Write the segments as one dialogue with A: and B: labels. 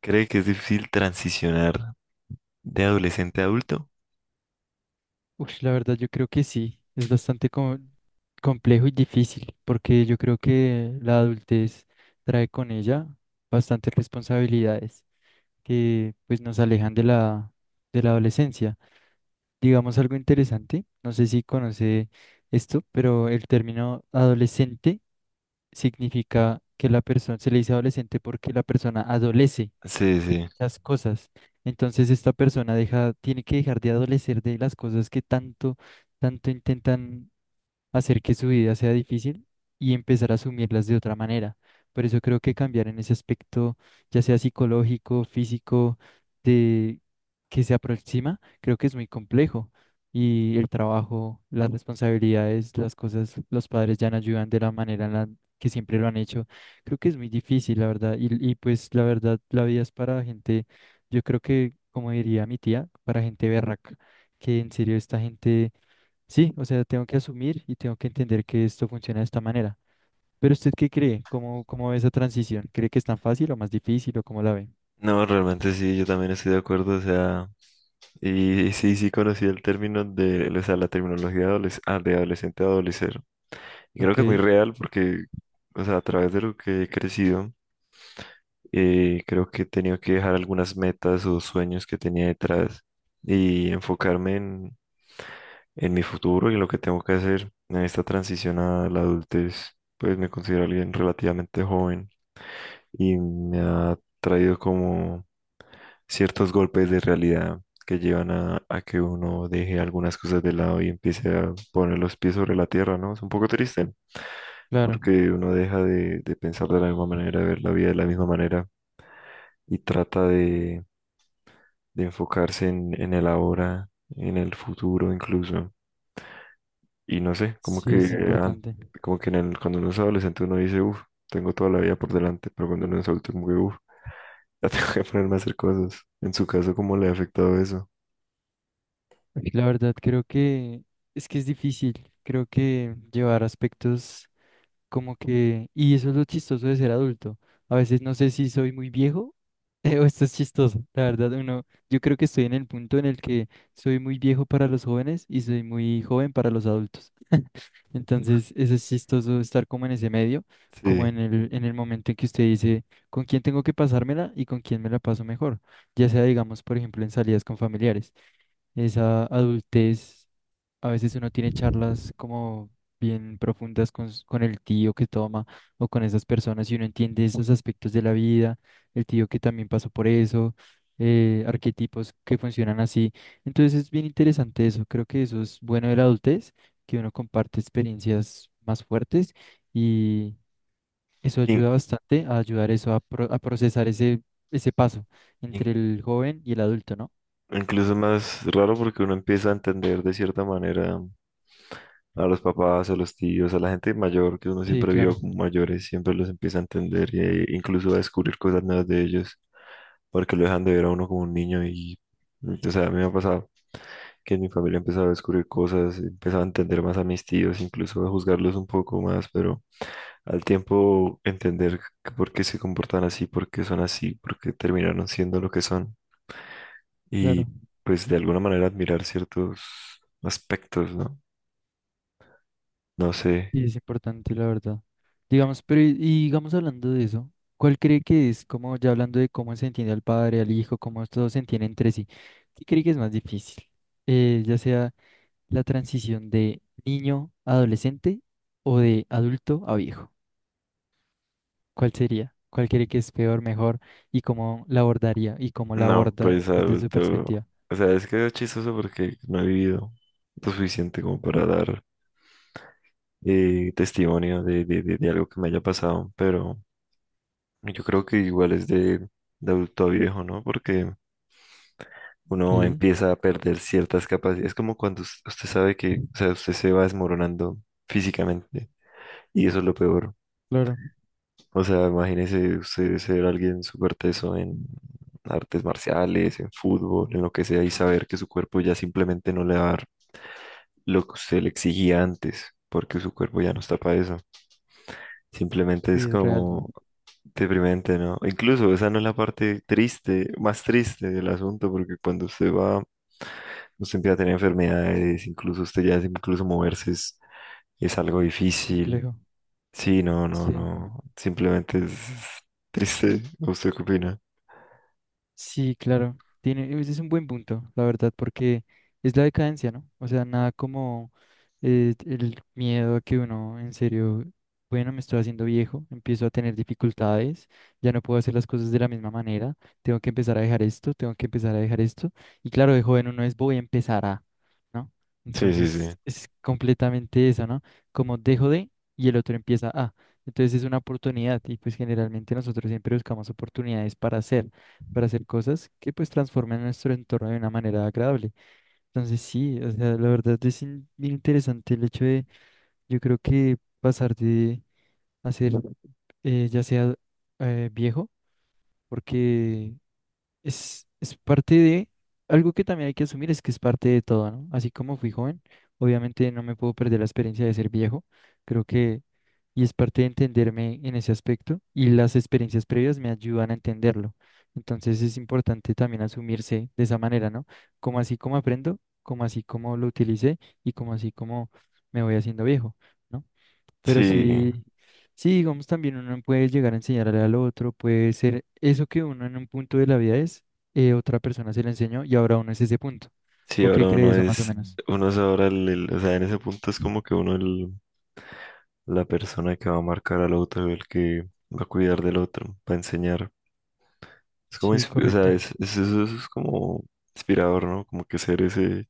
A: ¿Cree que es difícil transicionar de adolescente a adulto?
B: Uy, la verdad yo creo que sí, es bastante complejo y difícil, porque yo creo que la adultez trae con ella bastantes responsabilidades que pues nos alejan de la adolescencia. Digamos algo interesante, no sé si conoce esto, pero el término adolescente significa que la persona se le dice adolescente porque la persona adolece
A: Sí, sí.
B: las cosas. Entonces esta persona deja, tiene que dejar de adolecer de las cosas que tanto, tanto intentan hacer que su vida sea difícil y empezar a asumirlas de otra manera. Por eso creo que cambiar en ese aspecto, ya sea psicológico, físico, de que se aproxima, creo que es muy complejo. Y el trabajo, las responsabilidades, las cosas, los padres ya no ayudan de la manera en la que siempre lo han hecho. Creo que es muy difícil, la verdad. Y pues la verdad, la vida es para gente, yo creo que, como diría mi tía, para gente berraca, que en serio esta gente. Sí, o sea, tengo que asumir y tengo que entender que esto funciona de esta manera. Pero ¿usted qué cree? ¿Cómo ve esa transición? ¿Cree que es tan fácil o más difícil o cómo la ve?
A: No, realmente sí, yo también estoy de acuerdo, o sea, y sí, sí conocí el término de, o sea, la terminología de, de adolescente a adolecer. Y creo
B: Ok,
A: que es muy real porque, o sea, a través de lo que he crecido, creo que he tenido que dejar algunas metas o sueños que tenía detrás y enfocarme en mi futuro y en lo que tengo que hacer en esta transición a la adultez. Pues me considero alguien relativamente joven. Y me ha traído como ciertos golpes de realidad que llevan a que uno deje algunas cosas de lado y empiece a poner los pies sobre la tierra, ¿no? Es un poco triste
B: claro,
A: porque uno deja de pensar de la misma manera, de ver la vida de la misma manera y trata de enfocarse en el ahora, en el futuro incluso. Y no sé,
B: sí es
A: an-
B: importante.
A: como que en el, cuando uno es adolescente uno dice, uff, tengo toda la vida por delante, pero cuando uno es adulto como que, uff. Ya tengo que ponerme a hacer cosas. En su caso, ¿cómo le ha afectado eso?
B: La verdad creo que es difícil, creo que llevar aspectos como que, y eso es lo chistoso de ser adulto. A veces no sé si soy muy viejo o esto es chistoso. La verdad, uno, yo creo que estoy en el punto en el que soy muy viejo para los jóvenes y soy muy joven para los adultos. Entonces, eso es chistoso estar como en ese medio, como
A: Sí.
B: en el momento en que usted dice con quién tengo que pasármela y con quién me la paso mejor. Ya sea, digamos, por ejemplo, en salidas con familiares. Esa adultez. A veces uno tiene charlas como bien profundas con el tío que toma o con esas personas y uno entiende esos aspectos de la vida, el tío que también pasó por eso, arquetipos que funcionan así. Entonces es bien interesante eso. Creo que eso es bueno de la adultez, que uno comparte experiencias más fuertes y eso
A: Sí.
B: ayuda bastante a ayudar eso a, a procesar ese paso entre
A: in-
B: el joven y el adulto, ¿no?
A: Incluso más raro porque uno empieza a entender de cierta manera a los papás, a los tíos, a la gente mayor que uno
B: Sí,
A: siempre vio
B: claro,
A: como mayores, siempre los empieza a entender e incluso a descubrir cosas nuevas de ellos porque lo dejan de ver a uno como un niño y, o sea, a mí me ha pasado que en mi familia empezaba a descubrir cosas, empezaba a entender más a mis tíos, incluso a juzgarlos un poco más, pero al tiempo entender que por qué se comportan así, por qué son así, por qué terminaron siendo lo que son y
B: claro.
A: pues de alguna manera admirar ciertos aspectos, ¿no? No sé.
B: Y es importante, la verdad. Digamos, pero y digamos hablando de eso, ¿cuál cree que es, como ya hablando de cómo se entiende al padre, al hijo, cómo todos se entienden entre sí, ¿qué cree que es más difícil? Ya sea la transición de niño a adolescente o de adulto a viejo. ¿Cuál sería? ¿Cuál cree que es peor, mejor y cómo la abordaría y cómo la
A: No,
B: aborda
A: pues
B: desde su
A: adulto.
B: perspectiva?
A: O sea, es que es chistoso porque no he vivido lo suficiente como para dar testimonio de, de algo que me haya pasado, pero yo creo que igual es de adulto a viejo, ¿no? Porque
B: Ok,
A: uno empieza a perder ciertas capacidades. Es como cuando usted sabe que, o sea, usted se va desmoronando físicamente y eso es lo peor.
B: claro,
A: O sea, imagínese usted ser alguien súper teso en artes marciales, en fútbol, en lo que sea, y saber que su cuerpo ya simplemente no le va a dar lo que usted le exigía antes, porque su cuerpo ya no está para eso. Simplemente
B: sí
A: es
B: es real,
A: como deprimente, ¿no? Incluso esa no es la parte triste, más triste del asunto, porque cuando usted va, usted empieza a tener enfermedades, incluso usted ya, incluso moverse es algo
B: es
A: difícil.
B: complejo.
A: Sí, no, no,
B: Sí.
A: no, simplemente es triste. ¿Usted qué opina?
B: Sí, claro. Tiene, ese es un buen punto, la verdad, porque es la decadencia, ¿no? O sea, nada como el miedo a que uno, en serio, bueno, me estoy haciendo viejo, empiezo a tener dificultades, ya no puedo hacer las cosas de la misma manera, tengo que empezar a dejar esto, tengo que empezar a dejar esto. Y claro, de joven uno es voy a empezar a, ¿no?
A: Sí, sí,
B: Entonces
A: sí.
B: es completamente eso, ¿no? Como dejo de y el otro empieza a. Entonces es una oportunidad y pues generalmente nosotros siempre buscamos oportunidades para hacer cosas que pues transformen nuestro entorno de una manera agradable. Entonces sí, o sea, la verdad es bien interesante el hecho de, yo creo que pasar de hacer ya sea viejo, porque es parte de algo que también hay que asumir, es que es parte de todo, ¿no? Así como fui joven, obviamente no me puedo perder la experiencia de ser viejo, creo que, y es parte de entenderme en ese aspecto, y las experiencias previas me ayudan a entenderlo. Entonces es importante también asumirse de esa manera, ¿no? Como así como aprendo, como así como lo utilicé y como así como me voy haciendo viejo, ¿no? Pero
A: Sí,
B: sí, sí, digamos, también uno puede llegar a enseñarle al otro, puede ser eso que uno en un punto de la vida es, otra persona se lo enseñó y ahora uno es ese punto.
A: sí,
B: ¿O qué
A: ahora
B: cree eso más o menos?
A: uno es ahora o sea, en ese punto es como que uno el, la persona que va a marcar al otro, el que va a cuidar del otro, va a enseñar. Es como,
B: Sí,
A: o sea,
B: correcto.
A: eso es como inspirador, ¿no? Como que ser ese,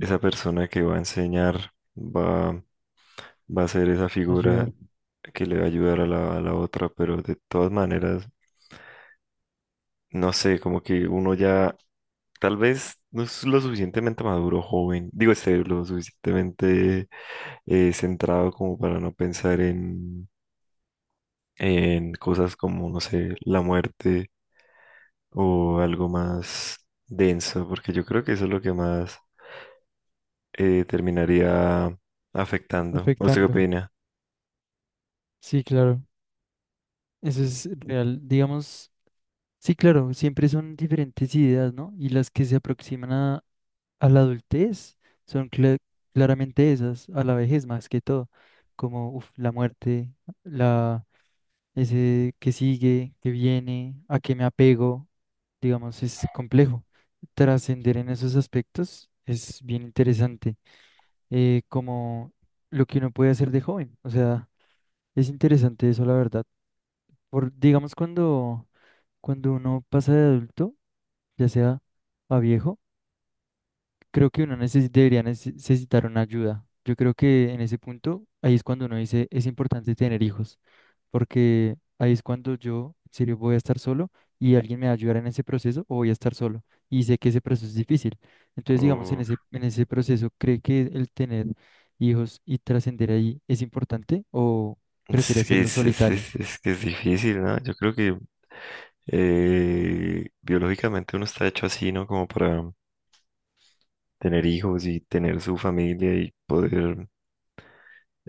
A: esa persona que va a enseñar, va, va a ser esa figura
B: Ayudar,
A: que le va a ayudar a la otra, pero de todas maneras, no sé, como que uno ya tal vez no es lo suficientemente maduro, joven, digo, este, lo suficientemente centrado como para no pensar en cosas como, no sé, la muerte o algo más denso, porque yo creo que eso es lo que más terminaría afectando. ¿Usted qué
B: afectando.
A: opina?
B: Sí, claro. Eso es real. Digamos, sí, claro, siempre son diferentes ideas, ¿no? Y las que se aproximan a la adultez son claramente esas, a la vejez más que todo, como uf, la muerte, ese que sigue, que viene, a qué me apego, digamos, es complejo. Trascender en esos aspectos es bien interesante, como lo que uno puede hacer de joven. O sea, es interesante eso, la verdad. Por, digamos, cuando uno pasa de adulto, ya sea a viejo, creo que uno debería necesitar una ayuda. Yo creo que en ese punto, ahí es cuando uno dice, es importante tener hijos. Porque ahí es cuando yo, en serio, voy a estar solo y alguien me va a ayudar en ese proceso o voy a estar solo. Y sé que ese proceso es difícil. Entonces, digamos, en
A: Uf,
B: ese, en ese proceso, ¿cree que el tener hijos y trascender ahí es importante o prefiere
A: es que
B: hacerlo solitario?
A: es que es difícil, ¿no? Yo creo que biológicamente uno está hecho así, ¿no? Como para tener hijos y tener su familia y poder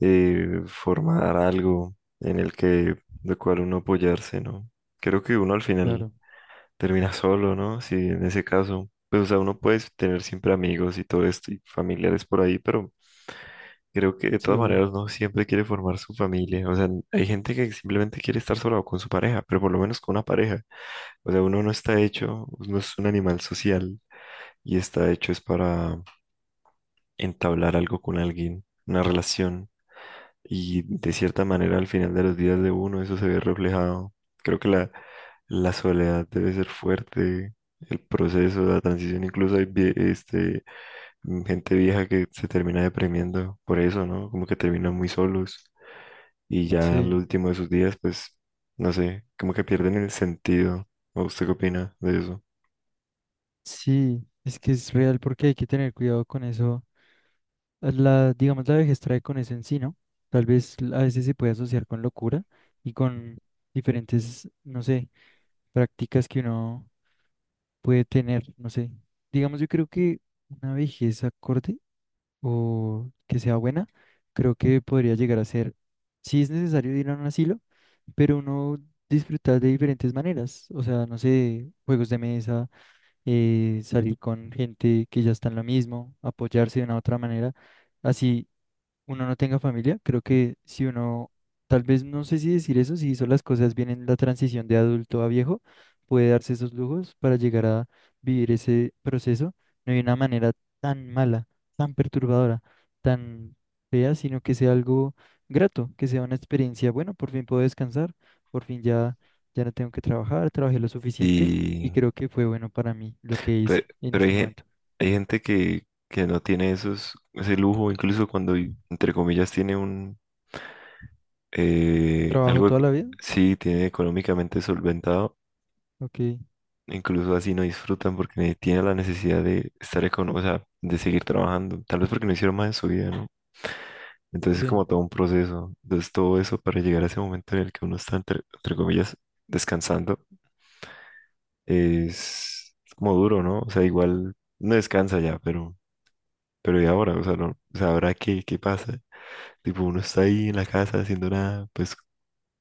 A: formar algo en el que, de cual uno apoyarse, ¿no? Creo que uno al final
B: Claro,
A: termina solo, ¿no? Si en ese caso, pues, o sea, uno puede tener siempre amigos y todo esto y familiares por ahí, pero creo que de
B: sí,
A: todas
B: obvio.
A: maneras no siempre quiere formar su familia. O sea, hay gente que simplemente quiere estar sola o con su pareja, pero por lo menos con una pareja. O sea, uno no está hecho, no es un animal social y está hecho es para entablar algo con alguien, una relación. Y de cierta manera al final de los días de uno eso se ve reflejado. Creo que la soledad debe ser fuerte. El proceso, de la transición, incluso hay gente vieja que se termina deprimiendo por eso, ¿no? Como que terminan muy solos. Y ya al
B: Sí,
A: último de sus días, pues, no sé, como que pierden el sentido. ¿O usted qué opina de eso?
B: sí, es que es real porque hay que tener cuidado con eso. La, digamos, la vejez trae con eso en sí, ¿no? Tal vez a veces se puede asociar con locura y con diferentes, no sé, prácticas que uno puede tener, no sé. Digamos, yo creo que una vejez acorde o que sea buena, creo que podría llegar a ser, si es necesario ir a un asilo, pero uno disfrutar de diferentes maneras, o sea, no sé, juegos de mesa, salir con gente que ya está en lo mismo, apoyarse de una u otra manera, así uno no tenga familia, creo que si uno, tal vez no sé si decir eso, si hizo las cosas bien en la transición de adulto a viejo, puede darse esos lujos para llegar a vivir ese proceso, no de una manera tan mala, tan perturbadora, tan fea, sino que sea algo grato, que sea una experiencia, bueno, por fin puedo descansar, por fin ya, ya no tengo que trabajar, trabajé lo suficiente y
A: Sí,
B: creo que fue bueno para mí lo que hice en
A: pero,
B: este momento.
A: hay gente que no tiene esos, ese lujo, incluso cuando, entre comillas, tiene un, eh,
B: ¿Trabajo
A: algo,
B: toda
A: eco-
B: la vida?
A: sí, tiene económicamente solventado,
B: Ok,
A: incluso así no disfrutan porque tiene la necesidad de estar económico, o sea, de seguir trabajando, tal vez porque no hicieron más en su vida, ¿no? Entonces es
B: sí,
A: como todo un proceso. Entonces todo eso para llegar a ese momento en el que uno está, entre, entre comillas, descansando, es como duro, ¿no? O sea, igual no descansa ya, pero ¿y ahora? O sea, no, o sea, ¿ahora qué, qué pasa? Tipo, uno está ahí en la casa haciendo nada, pues,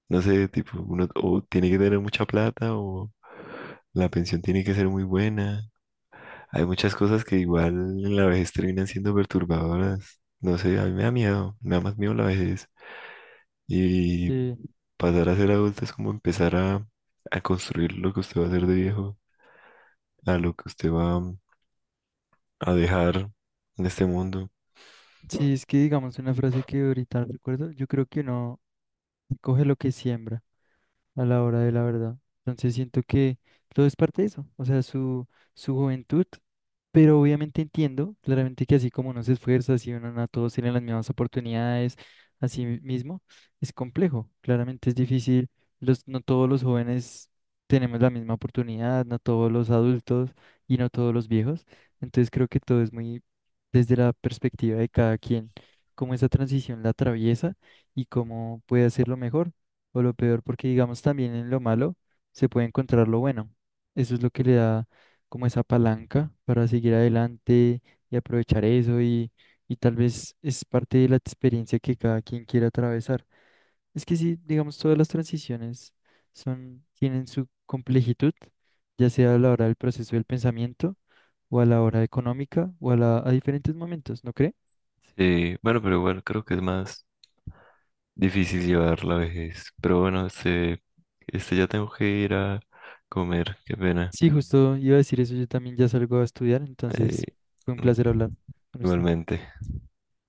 A: no sé, tipo, uno o tiene que tener mucha plata o la pensión tiene que ser muy buena. Hay muchas cosas que igual en la vejez terminan siendo perturbadoras. No sé, a mí me da miedo, me da más miedo la vejez. Y
B: sí.
A: pasar a ser adulto es como empezar a construir lo que usted va a hacer de viejo, a lo que usted va a dejar en este mundo.
B: Sí, es que digamos una frase que ahorita recuerdo, yo creo que uno coge lo que siembra a la hora de la verdad. Entonces siento que todo es parte de eso, o sea, su juventud, pero obviamente entiendo claramente que así como uno se esfuerza, así uno no a todos tienen las mismas oportunidades, así mismo, es complejo, claramente es difícil, los, no todos los jóvenes tenemos la misma oportunidad, no todos los adultos y no todos los viejos, entonces creo que todo es muy desde la perspectiva de cada quien, cómo esa transición la atraviesa y cómo puede hacerlo mejor o lo peor, porque digamos también en lo malo se puede encontrar lo bueno. Eso es lo que le da como esa palanca para seguir adelante y aprovechar eso y tal vez es parte de la experiencia que cada quien quiera atravesar. Es que sí, digamos, todas las transiciones son, tienen su complejitud, ya sea a la hora del proceso del pensamiento o a la hora económica o a diferentes momentos, ¿no cree?
A: Sí, bueno, pero igual creo que es más difícil llevar la vejez. Pero bueno, este ya tengo que ir a comer, qué pena.
B: Sí, justo iba a decir eso, yo también ya salgo a estudiar,
A: Eh,
B: entonces fue un
A: mm,
B: placer hablar con usted.
A: Igualmente.